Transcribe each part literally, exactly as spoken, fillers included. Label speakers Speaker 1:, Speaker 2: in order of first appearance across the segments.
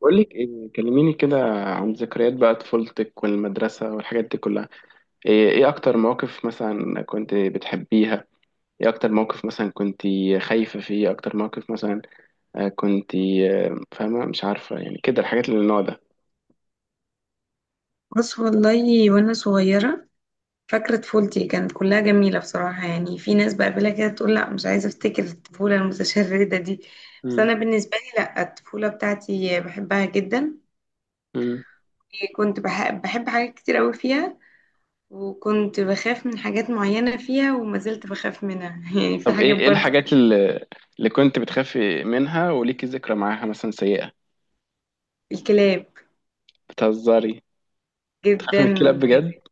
Speaker 1: بقول لك ايه، كلميني كده عن ذكريات بقى طفولتك والمدرسة والحاجات دي كلها. ايه إيه اكتر مواقف مثلا كنت بتحبيها؟ ايه اكتر موقف مثلا كنت خايفة فيه؟ إيه اكتر موقف مثلا آه، كنت آه، فاهمة، مش عارفة يعني كده الحاجات اللي من النوع ده.
Speaker 2: بص والله، وانا صغيرة فاكرة طفولتي كانت كلها جميلة بصراحة. يعني في ناس بقابلها كده تقول لا مش عايزة افتكر الطفولة المتشردة دي، بس
Speaker 1: مم.
Speaker 2: انا بالنسبة لي لا، الطفولة بتاعتي بحبها جدا.
Speaker 1: مم.
Speaker 2: كنت بح- بحب حاجات كتير قوي فيها، وكنت بخاف من حاجات معينة فيها وما زلت بخاف منها يعني في
Speaker 1: طب
Speaker 2: حاجات
Speaker 1: ايه ايه
Speaker 2: برضو
Speaker 1: الحاجات
Speaker 2: كانت
Speaker 1: اللي, اللي كنت بتخافي منها وليكي ذكرى معاها مثلا سيئة؟
Speaker 2: الكلاب
Speaker 1: بتهزري؟ بتخافي
Speaker 2: جدا،
Speaker 1: من الكلاب
Speaker 2: و
Speaker 1: بجد؟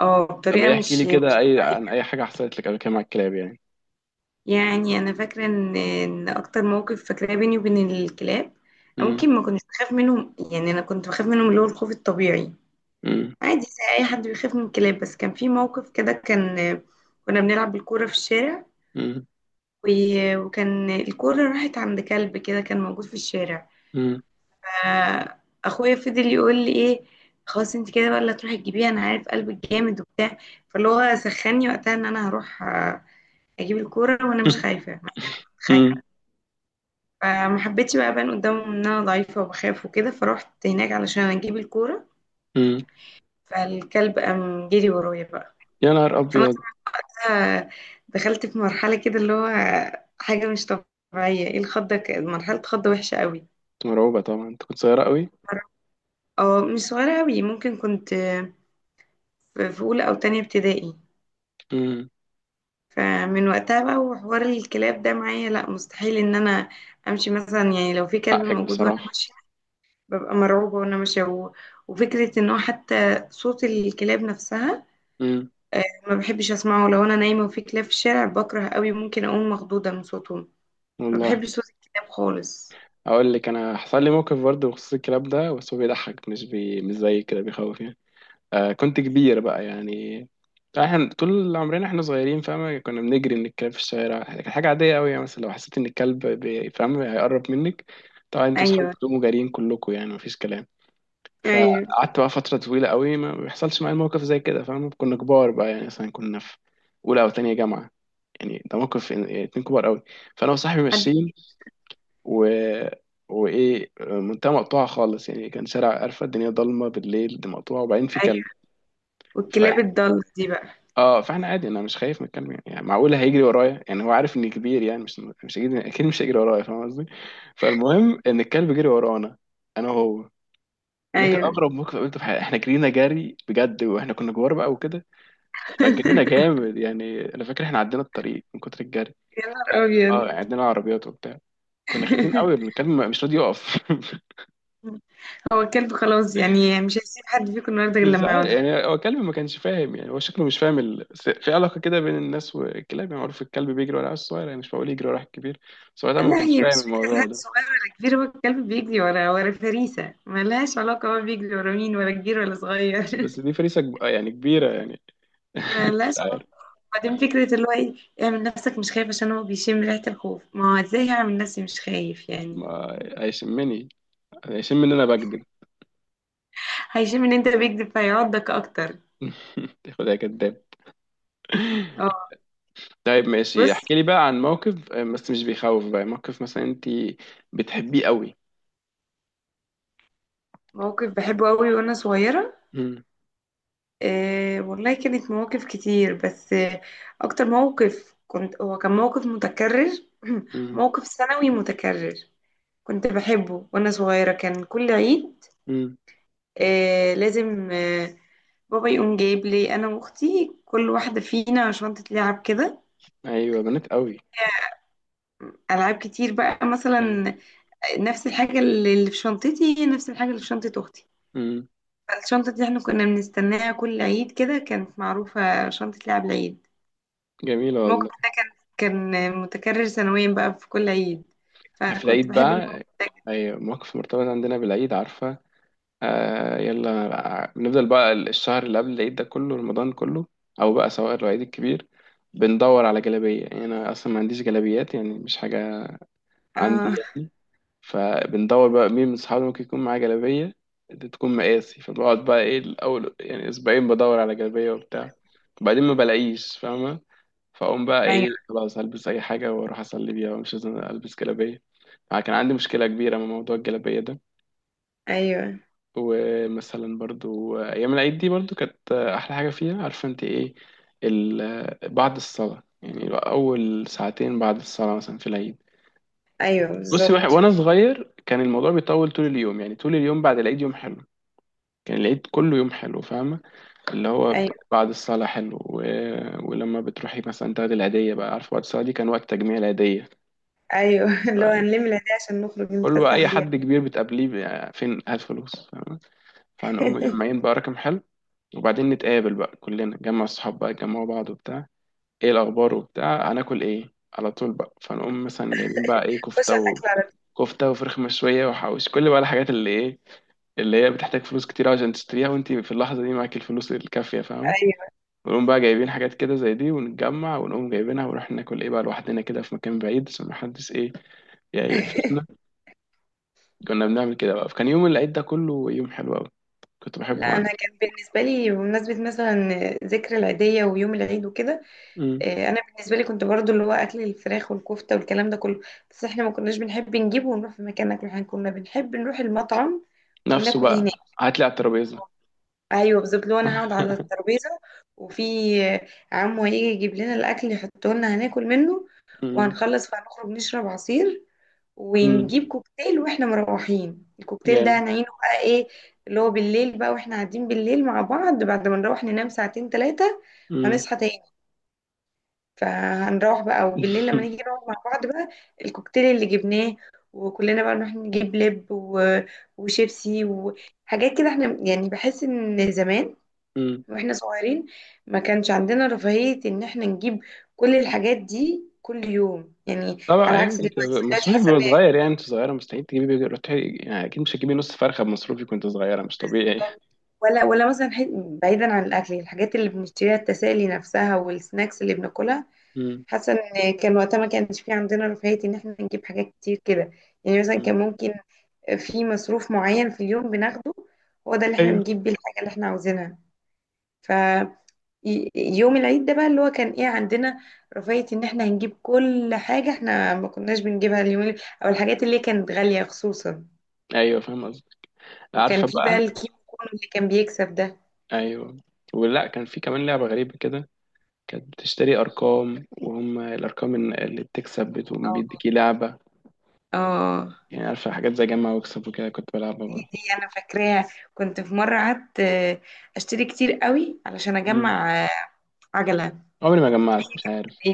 Speaker 2: اه
Speaker 1: طب
Speaker 2: بطريقة
Speaker 1: ايه، احكي
Speaker 2: مش
Speaker 1: لي
Speaker 2: مش
Speaker 1: كده اي عن
Speaker 2: طبيعية.
Speaker 1: اي حاجة حصلت لك قبل كده مع الكلاب يعني.
Speaker 2: يعني انا فاكره ان ان اكتر موقف فاكراه بيني وبين الكلاب،
Speaker 1: مم.
Speaker 2: ممكن ما كنتش بخاف منهم، يعني انا كنت بخاف منهم اللي هو الخوف الطبيعي،
Speaker 1: مم.
Speaker 2: عادي زي اي حد بيخاف من الكلاب. بس كان في موقف كده، كان كنا بنلعب بالكوره في الشارع،
Speaker 1: مم.
Speaker 2: و- وكان الكوره راحت عند كلب كده كان موجود في الشارع.
Speaker 1: مم.
Speaker 2: ف- اخويا فضل يقول لي ايه، خلاص انت كده بقى اللي هتروحي تجيبيها، انا عارف قلبك جامد وبتاع. فاللي هو سخني وقتها ان انا هروح آه، اجيب الكوره وانا مش خايفه.
Speaker 1: امم.
Speaker 2: فما حبيتش بقى ابان قدامهم ان انا ضعيفه وبخاف وكده، فروحت هناك علشان اجيب الكوره.
Speaker 1: امم.
Speaker 2: فالكلب قام جري ورايا بقى.
Speaker 1: يا نهار
Speaker 2: فانا
Speaker 1: ابيض.
Speaker 2: بقى دخلت في مرحله كده اللي هو حاجه مش طبيعيه، ايه الخضه، ك- مرحله خضه وحشه قوي.
Speaker 1: مرعوبه طبعا، انت كنت صغيره قوي.
Speaker 2: اه مش صغيره قوي، ممكن كنت في في اولى او تانية ابتدائي.
Speaker 1: امم.
Speaker 2: فمن وقتها بقى وحوار الكلاب ده معايا لا، مستحيل ان انا امشي مثلا، يعني لو في كلب
Speaker 1: حقك
Speaker 2: موجود وانا
Speaker 1: بصراحه.
Speaker 2: ماشيه ببقى مرعوبة وانا ماشية، و- وفكرة ان هو حتى صوت الكلاب نفسها،
Speaker 1: امم.
Speaker 2: آه، ما بحبش اسمعه. لو انا نايمة وفي كلاب في الشارع بكره قوي، ممكن اقوم مخضوضة من صوتهم. ما
Speaker 1: والله.
Speaker 2: بحبش صوت الكلاب خالص.
Speaker 1: اقول لك، انا حصل لي موقف برضه بخصوص الكلام ده، بس هو بيضحك مش بي... مش زي كده بيخوف يعني. آه، كنت كبير بقى يعني. احنا طول عمرنا احنا صغيرين، فاهمة، كنا بنجري من الكلاب في الشارع، كانت حاجة عادية قوي يعني. مثلا لو حسيت ان الكلب بي- فاهم هيقرب منك، طبعا انتوا صحابك
Speaker 2: ايوه،
Speaker 1: بتقوموا جاريين كلكم، يعني مفيش كلام.
Speaker 2: ايوه،
Speaker 1: فقعدت بقى فترة طويلة قوي ما بيحصلش معايا موقف زي كده، فاهم؟ كنا كبار بقى يعني، مثلا كنا في أولى أو تانية جامعة، يعني ده موقف إن- اتنين كبار قوي. فأنا وصاحبي
Speaker 2: حد،
Speaker 1: ماشيين و... وإيه، منتهى مقطوعة خالص يعني، كان شارع قرفة، الدنيا ضلمة بالليل، دي مقطوعة، وبعدين في كلب.
Speaker 2: ايوه، والكلاب
Speaker 1: فإحنا،
Speaker 2: الضالة دي بقى.
Speaker 1: اه فاحنا عادي، انا مش خايف من الكلب يعني, يعني معقول هيجري ورايا؟ يعني هو عارف اني كبير يعني، مش مش هيجري اكيد، مش هيجري ورايا، فاهم قصدي؟ فالمهم ان الكلب جري ورانا، انا وهو. ده كان
Speaker 2: ايوه
Speaker 1: اغرب موقف قابلته في حياتي. احنا جرينا جري بجد واحنا كنا كبار بقى وكده. فجرينا جامد يعني، انا فاكر احنا عدينا الطريق من كتر الجري.
Speaker 2: يا نهار ابيض.
Speaker 1: اه، عدينا عربيات وبتاع. كنا خايفين قوي، من الكلب مش راضي يقف.
Speaker 2: هو الكلب خلاص، يعني مش هيسيب حد فيكم النهارده غير
Speaker 1: مش
Speaker 2: لما
Speaker 1: عارف،
Speaker 2: يقعد.
Speaker 1: يعني هو الكلب ما كانش فاهم يعني، هو شكله مش فاهم ال... س- في علاقه كده بين الناس والكلاب يعني. معروف الكلب بيجري ورا الصغير يعني، مش بقول يجري ورا الكبير. بس هو ده ما
Speaker 2: لا،
Speaker 1: كانش
Speaker 2: هي
Speaker 1: فاهم
Speaker 2: مش فكرة
Speaker 1: الموضوع
Speaker 2: حد
Speaker 1: ده.
Speaker 2: صغير ولا كبير، هو الكلب بيجري ورا، ورا فريسة ملهاش علاقة، هو بيجري ورا مين، ورا كبير ولا صغير؟
Speaker 1: بس بس دي فريسه كب- يعني كبيره يعني. مش
Speaker 2: ملهاش علاقة.
Speaker 1: عارف.
Speaker 2: بعدين فكرة اللي هو ايه، اعمل نفسك مش خايف عشان هو بيشم ريحة الخوف، ما هو ازاي هعمل نفسي مش خايف يعني؟
Speaker 1: ما هيشمني، هيشم ان انا بكذب.
Speaker 2: هيشم ان انت بيكذب فيعضك اكتر.
Speaker 1: خدها كداب.
Speaker 2: اه.
Speaker 1: طيب ماشي،
Speaker 2: بص،
Speaker 1: احكي لي بقى عن موقف، آه، بس مش بيخوف بقى، موقف مثلا انت بتحبيه قوي.
Speaker 2: موقف بحبه قوي وانا صغيرة.
Speaker 1: مم.
Speaker 2: آه والله، كانت مواقف كتير بس آه، اكتر موقف كنت هو كان موقف متكرر،
Speaker 1: مم.
Speaker 2: موقف سنوي متكرر. كنت بحبه وانا صغيرة، كان كل عيد
Speaker 1: مم.
Speaker 2: آه لازم آه بابا يقوم جايب لي انا واختي كل واحده فينا شنطه لعب كده،
Speaker 1: ايوه، بنات قوي.
Speaker 2: العاب كتير بقى.
Speaker 1: ايوه.
Speaker 2: مثلا نفس الحاجه اللي في شنطتي هي نفس الحاجه اللي في شنطه اختي.
Speaker 1: مم.
Speaker 2: فالشنطه دي احنا كنا بنستناها كل عيد، كده كانت معروفه شنطه لعب العيد.
Speaker 1: جميل
Speaker 2: الموقف
Speaker 1: والله.
Speaker 2: ده كان كان متكرر سنويا بقى في كل عيد،
Speaker 1: في
Speaker 2: فكنت
Speaker 1: العيد
Speaker 2: بحب الموقف
Speaker 1: بقى.
Speaker 2: ده جداً.
Speaker 1: ايوه، موقف مرتبط عندنا بالعيد، عارفه؟ آه، يلا بقى. بنفضل بقى الشهر اللي قبل العيد ده كله، رمضان كله، او بقى سواء العيد الكبير، بندور على جلابيه، يعني انا اصلا ما عنديش جلابيات، يعني مش حاجه عندي
Speaker 2: اه،
Speaker 1: يعني. فبندور بقى مين من صحابي ممكن يكون معاه جلابية تكون مقاسي. فبقعد بقى ايه، الأول يعني أسبوعين بدور على جلابية وبتاع، وبعدين ما بلاقيش، فاهمة؟ فأقوم بقى ايه،
Speaker 2: ايوه،
Speaker 1: خلاص هلبس أي حاجة وأروح أصلي بيها، مش لازم ألبس جلابية. فكان عندي مشكلة كبيرة من موضوع الجلابية ده.
Speaker 2: ايوه،
Speaker 1: ومثلا برضو أيام العيد دي برضو كانت أحلى حاجة فيها، عارفة أنت ايه؟ ال- بعد الصلاة يعني، أول ساعتين بعد الصلاة مثلا في العيد.
Speaker 2: ايوه
Speaker 1: بصي، واحد
Speaker 2: بالظبط،
Speaker 1: وانا صغير كان الموضوع بيطول طول اليوم، يعني طول اليوم بعد العيد يوم حلو. كان العيد كله يوم حلو، فاهمه؟ اللي هو ب-
Speaker 2: ايوه،
Speaker 1: بعد الصلاه حلو و... ولما بتروحي مثلا تاخدي العيديه بقى، عارفه، وقت الصلاه دي كان وقت تجميع العيديه.
Speaker 2: ايوه اللي هو هنلم العيدية عشان نخرج
Speaker 1: كله بقى،
Speaker 2: نتفسح
Speaker 1: اي
Speaker 2: بيها.
Speaker 1: حد كبير بتقابليه بقى، فين هات فلوس، فاهمه؟ فهنقوم مجمعين بقى رقم حلو. وبعدين نتقابل بقى كلنا، نجمع الصحاب بقى، يجمعوا بعض وبتاع، ايه الاخبار وبتاع، هناكل ايه على طول بقى. فنقوم مثلا جايبين بقى ايه،
Speaker 2: خش
Speaker 1: كفته
Speaker 2: على
Speaker 1: و...
Speaker 2: الاكل على طول.
Speaker 1: كفته وفراخ مشويه وحوش، كل بقى الحاجات اللي ايه، اللي هي بتحتاج فلوس كتير عشان تشتريها، وانت في اللحظه دي معاك الفلوس الكافيه، فاهم؟ ونقوم بقى جايبين حاجات كده زي دي، ونتجمع، ونقوم جايبينها، ونروح ناكل ايه بقى لوحدنا كده في مكان بعيد عشان محدش ايه، يعني
Speaker 2: ايوه
Speaker 1: يقفشنا. كنا بنعمل كده بقى. فكان يوم العيد ده كله يوم حلو قوي، كنت بحبه
Speaker 2: لا
Speaker 1: انا.
Speaker 2: انا كان بالنسبه لي بمناسبه مثلا ذكر العيديه ويوم العيد وكده،
Speaker 1: مم.
Speaker 2: آه، انا بالنسبه لي كنت برضو اللي هو اكل الفراخ والكفته والكلام ده كله، بس احنا ما كناش بنحب نجيبه ونروح في مكان ناكله، احنا كنا بنحب نروح المطعم
Speaker 1: نفسه
Speaker 2: وناكل
Speaker 1: بقى.
Speaker 2: هناك.
Speaker 1: هات لي على الترابيزه.
Speaker 2: ايوه بالظبط، لو انا هقعد على الترابيزه وفي عمو هيجي يجيب لنا الاكل يحطه لنا هناكل منه.
Speaker 1: مم.
Speaker 2: وهنخلص فهنخرج نشرب عصير،
Speaker 1: مم.
Speaker 2: ونجيب كوكتيل واحنا مروحين، الكوكتيل ده
Speaker 1: جامد.
Speaker 2: هنعينه بقى ايه، اللي هو بالليل بقى واحنا قاعدين بالليل مع بعض. بعد ما نروح ننام ساعتين ثلاثة هنصحى تاني، فهنروح بقى. وبالليل لما نيجي نقعد مع بعض بقى، الكوكتيل اللي جبناه، وكلنا بقى نروح نجيب لب و... وشيبسي وحاجات كده. احنا يعني بحس ان زمان
Speaker 1: مم.
Speaker 2: واحنا صغيرين ما كانش عندنا رفاهية ان احنا نجيب كل الحاجات دي كل يوم يعني،
Speaker 1: طبعا
Speaker 2: على
Speaker 1: يعني،
Speaker 2: عكس
Speaker 1: انت
Speaker 2: دلوقتي. دلوقتي
Speaker 1: مصروفك
Speaker 2: حاسة ان
Speaker 1: بيبقى
Speaker 2: هي
Speaker 1: صغير يعني، انت صغيره مستحيل تجيبي بيجي روحي يعني، اكيد مش هتجيبي نص فرخه بمصروفك وانت صغيره، مش طبيعي.
Speaker 2: بالظبط. ولا ولا مثلا ح- بعيدا عن الاكل، الحاجات اللي بنشتريها، التسالي نفسها والسناكس اللي بناكلها،
Speaker 1: مم.
Speaker 2: حاسة ان كان وقتها ما كانش في عندنا رفاهية ان احنا نجيب حاجات كتير كده. يعني مثلا
Speaker 1: مم.
Speaker 2: كان ممكن في مصروف معين في اليوم بناخده، هو ده اللي احنا
Speaker 1: ايوه.
Speaker 2: بنجيب بيه الحاجة اللي احنا عاوزينها. ي- يوم العيد ده بقى اللي هو كان ايه، عندنا رفاهية ان احنا هنجيب كل حاجة احنا ما كناش بنجيبها اليوم اللي- او الحاجات اللي كانت غالية خصوصا.
Speaker 1: ايوه فاهم قصدي.
Speaker 2: وكان
Speaker 1: عارفه
Speaker 2: في بقى
Speaker 1: بقى.
Speaker 2: الكيمو كونو اللي كان بيكسب ده.
Speaker 1: ايوه. ولا كان في كمان لعبه غريبه كده، كانت بتشتري ارقام وهم الارقام إن- اللي بتكسب بتقوم
Speaker 2: اه،
Speaker 1: بيديكي لعبه.
Speaker 2: اه،
Speaker 1: يعني عارفه، حاجات زي جمع واكسب وكده، كنت بلعبها برضه.
Speaker 2: دي انا فاكراها. كنت في مرة قعدت آه، اشتري كتير قوي علشان
Speaker 1: مم.
Speaker 2: اجمع آه، عجلة.
Speaker 1: عمري ما جمعت، مش عارف.
Speaker 2: إيه،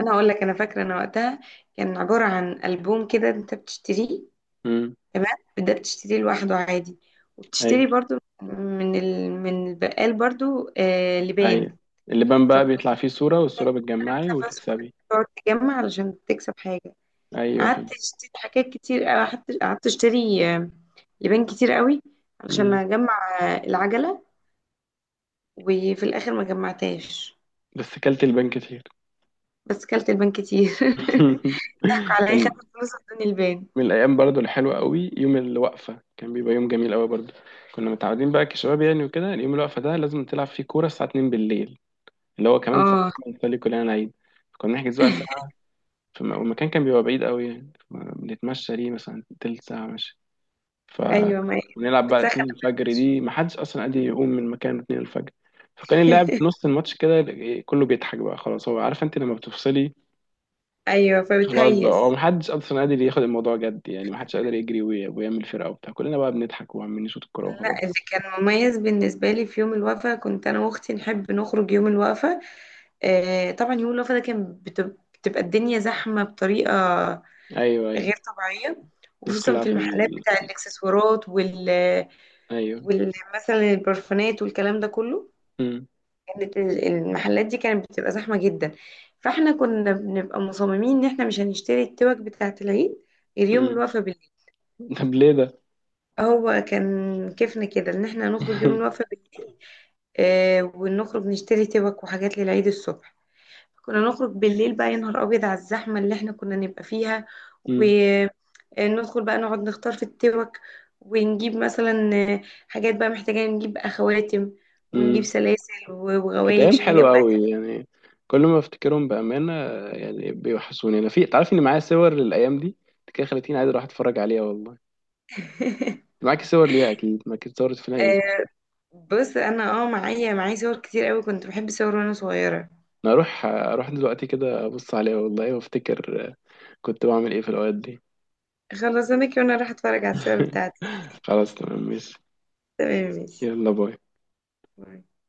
Speaker 2: انا هقول لك، انا فاكرة انا وقتها كان عبارة عن ألبوم كده انت بتشتريه،
Speaker 1: مم.
Speaker 2: تمام، ده بتشتريه لوحده عادي، وبتشتري
Speaker 1: ايوه.
Speaker 2: برضو من ال... من البقال برضو آه لبان.
Speaker 1: ايوه. اللبان بقى
Speaker 2: فكل،
Speaker 1: بيطلع فيه صوره، والصوره
Speaker 2: انا
Speaker 1: بتجمعي
Speaker 2: بخاف اسود،
Speaker 1: وتكسبي.
Speaker 2: تقعد تجمع علشان تكسب حاجة.
Speaker 1: ايوه
Speaker 2: قعدت
Speaker 1: فهمت.
Speaker 2: اشتري حاجات كتير، آه، قعدت قعدت اشتري آه، لبان كتير قوي علشان
Speaker 1: مم.
Speaker 2: اجمع آه، العجلة. وفي الاخر ما جمعتهاش،
Speaker 1: بس كلت البان كتير.
Speaker 2: بس كلت البان كتير ضحكوا عليا، خدوا
Speaker 1: كان
Speaker 2: فلوس ادوني البان.
Speaker 1: من الايام برضو الحلوه قوي، يوم الوقفه كان بيبقى يوم جميل قوي برضو. كنا متعودين بقى كشباب يعني وكده، اليوم الوقفه ده لازم تلعب فيه كوره الساعه اتنين بالليل، اللي هو كمان ساعتين
Speaker 2: اه،
Speaker 1: بنصلي كلنا العيد. كنا نحجز بقى ساعه في م- والمكان كان بيبقى بعيد قوي يعني، بنتمشى ليه مثلا تلت ساعه ماشي. ف
Speaker 2: ايوه، ما هي
Speaker 1: ونلعب بقى
Speaker 2: بتسخن.
Speaker 1: اتنين الفجر، دي ما حدش اصلا قادر يقوم من مكانه اتنين الفجر. فكان اللاعب في نص الماتش كده إيه، كله بيضحك بقى، خلاص هو عارف، انت لما بتفصلي
Speaker 2: ايوه
Speaker 1: خلاص بقى، هو
Speaker 2: فبتهيس.
Speaker 1: محدش اصلا قادر ياخد الموضوع جد يعني، محدش قادر يجري وي- ويعمل فرقه وبتاع، كلنا بقى بنضحك وعمالين نشوط الكوره
Speaker 2: لا،
Speaker 1: وخلاص.
Speaker 2: اللي كان مميز بالنسبة لي في يوم الوقفة، كنت أنا وأختي نحب نخرج يوم الوقفة، آه، طبعا يوم الوقفة ده كان بتب- بتبقى الدنيا زحمة بطريقة
Speaker 1: ايوه. ايوه.
Speaker 2: غير طبيعية،
Speaker 1: الناس
Speaker 2: وخصوصا
Speaker 1: كلها
Speaker 2: في
Speaker 1: في
Speaker 2: المحلات
Speaker 1: ال...
Speaker 2: بتاع الإكسسوارات وال
Speaker 1: ايوه.
Speaker 2: وال- مثلا البرفانات والكلام ده كله.
Speaker 1: امم.
Speaker 2: كانت ال- المحلات دي كانت بتبقى زحمة جدا. فاحنا كنا بنبقى مصممين إن احنا مش هنشتري التوك بتاعة العيد غير يوم
Speaker 1: امم.
Speaker 2: الوقفة.
Speaker 1: طب ليه ده؟
Speaker 2: هو كان كيفنا كده ان احنا نخرج يوم الوقفة بالليل، آه ونخرج نشتري توك وحاجات للعيد الصبح. كنا نخرج بالليل بقى، يا نهار ابيض على الزحمة اللي احنا كنا نبقى فيها،
Speaker 1: امم.
Speaker 2: وندخل بقى نقعد نختار في التوك، ونجيب مثلا آه، حاجات بقى محتاجة، نجيب خواتم ونجيب
Speaker 1: امم.
Speaker 2: سلاسل و-
Speaker 1: كانت ايام
Speaker 2: وغوايش حاجات
Speaker 1: حلوه
Speaker 2: بقى.
Speaker 1: قوي يعني. كل ما افتكرهم بامانه، يعني بيوحشوني. انا، في تعرف ان معايا صور للايام دي؟ كده خلتيني عايز اروح اتفرج عليها والله. معاك صور ليها؟ اكيد معاك صور، في ايه؟
Speaker 2: آه، بص انا اه معايا، معايا صور كتير قوي، كنت بحب صور وانا صغيرة.
Speaker 1: انا اروح اروح دلوقتي كده ابص عليها والله، وافتكر كنت بعمل ايه في الاوقات دي.
Speaker 2: خلص انا كده وانا راح اتفرج على الصور بتاعتي.
Speaker 1: خلاص تمام ماشي.
Speaker 2: تمام
Speaker 1: يلا باي.
Speaker 2: ماشي.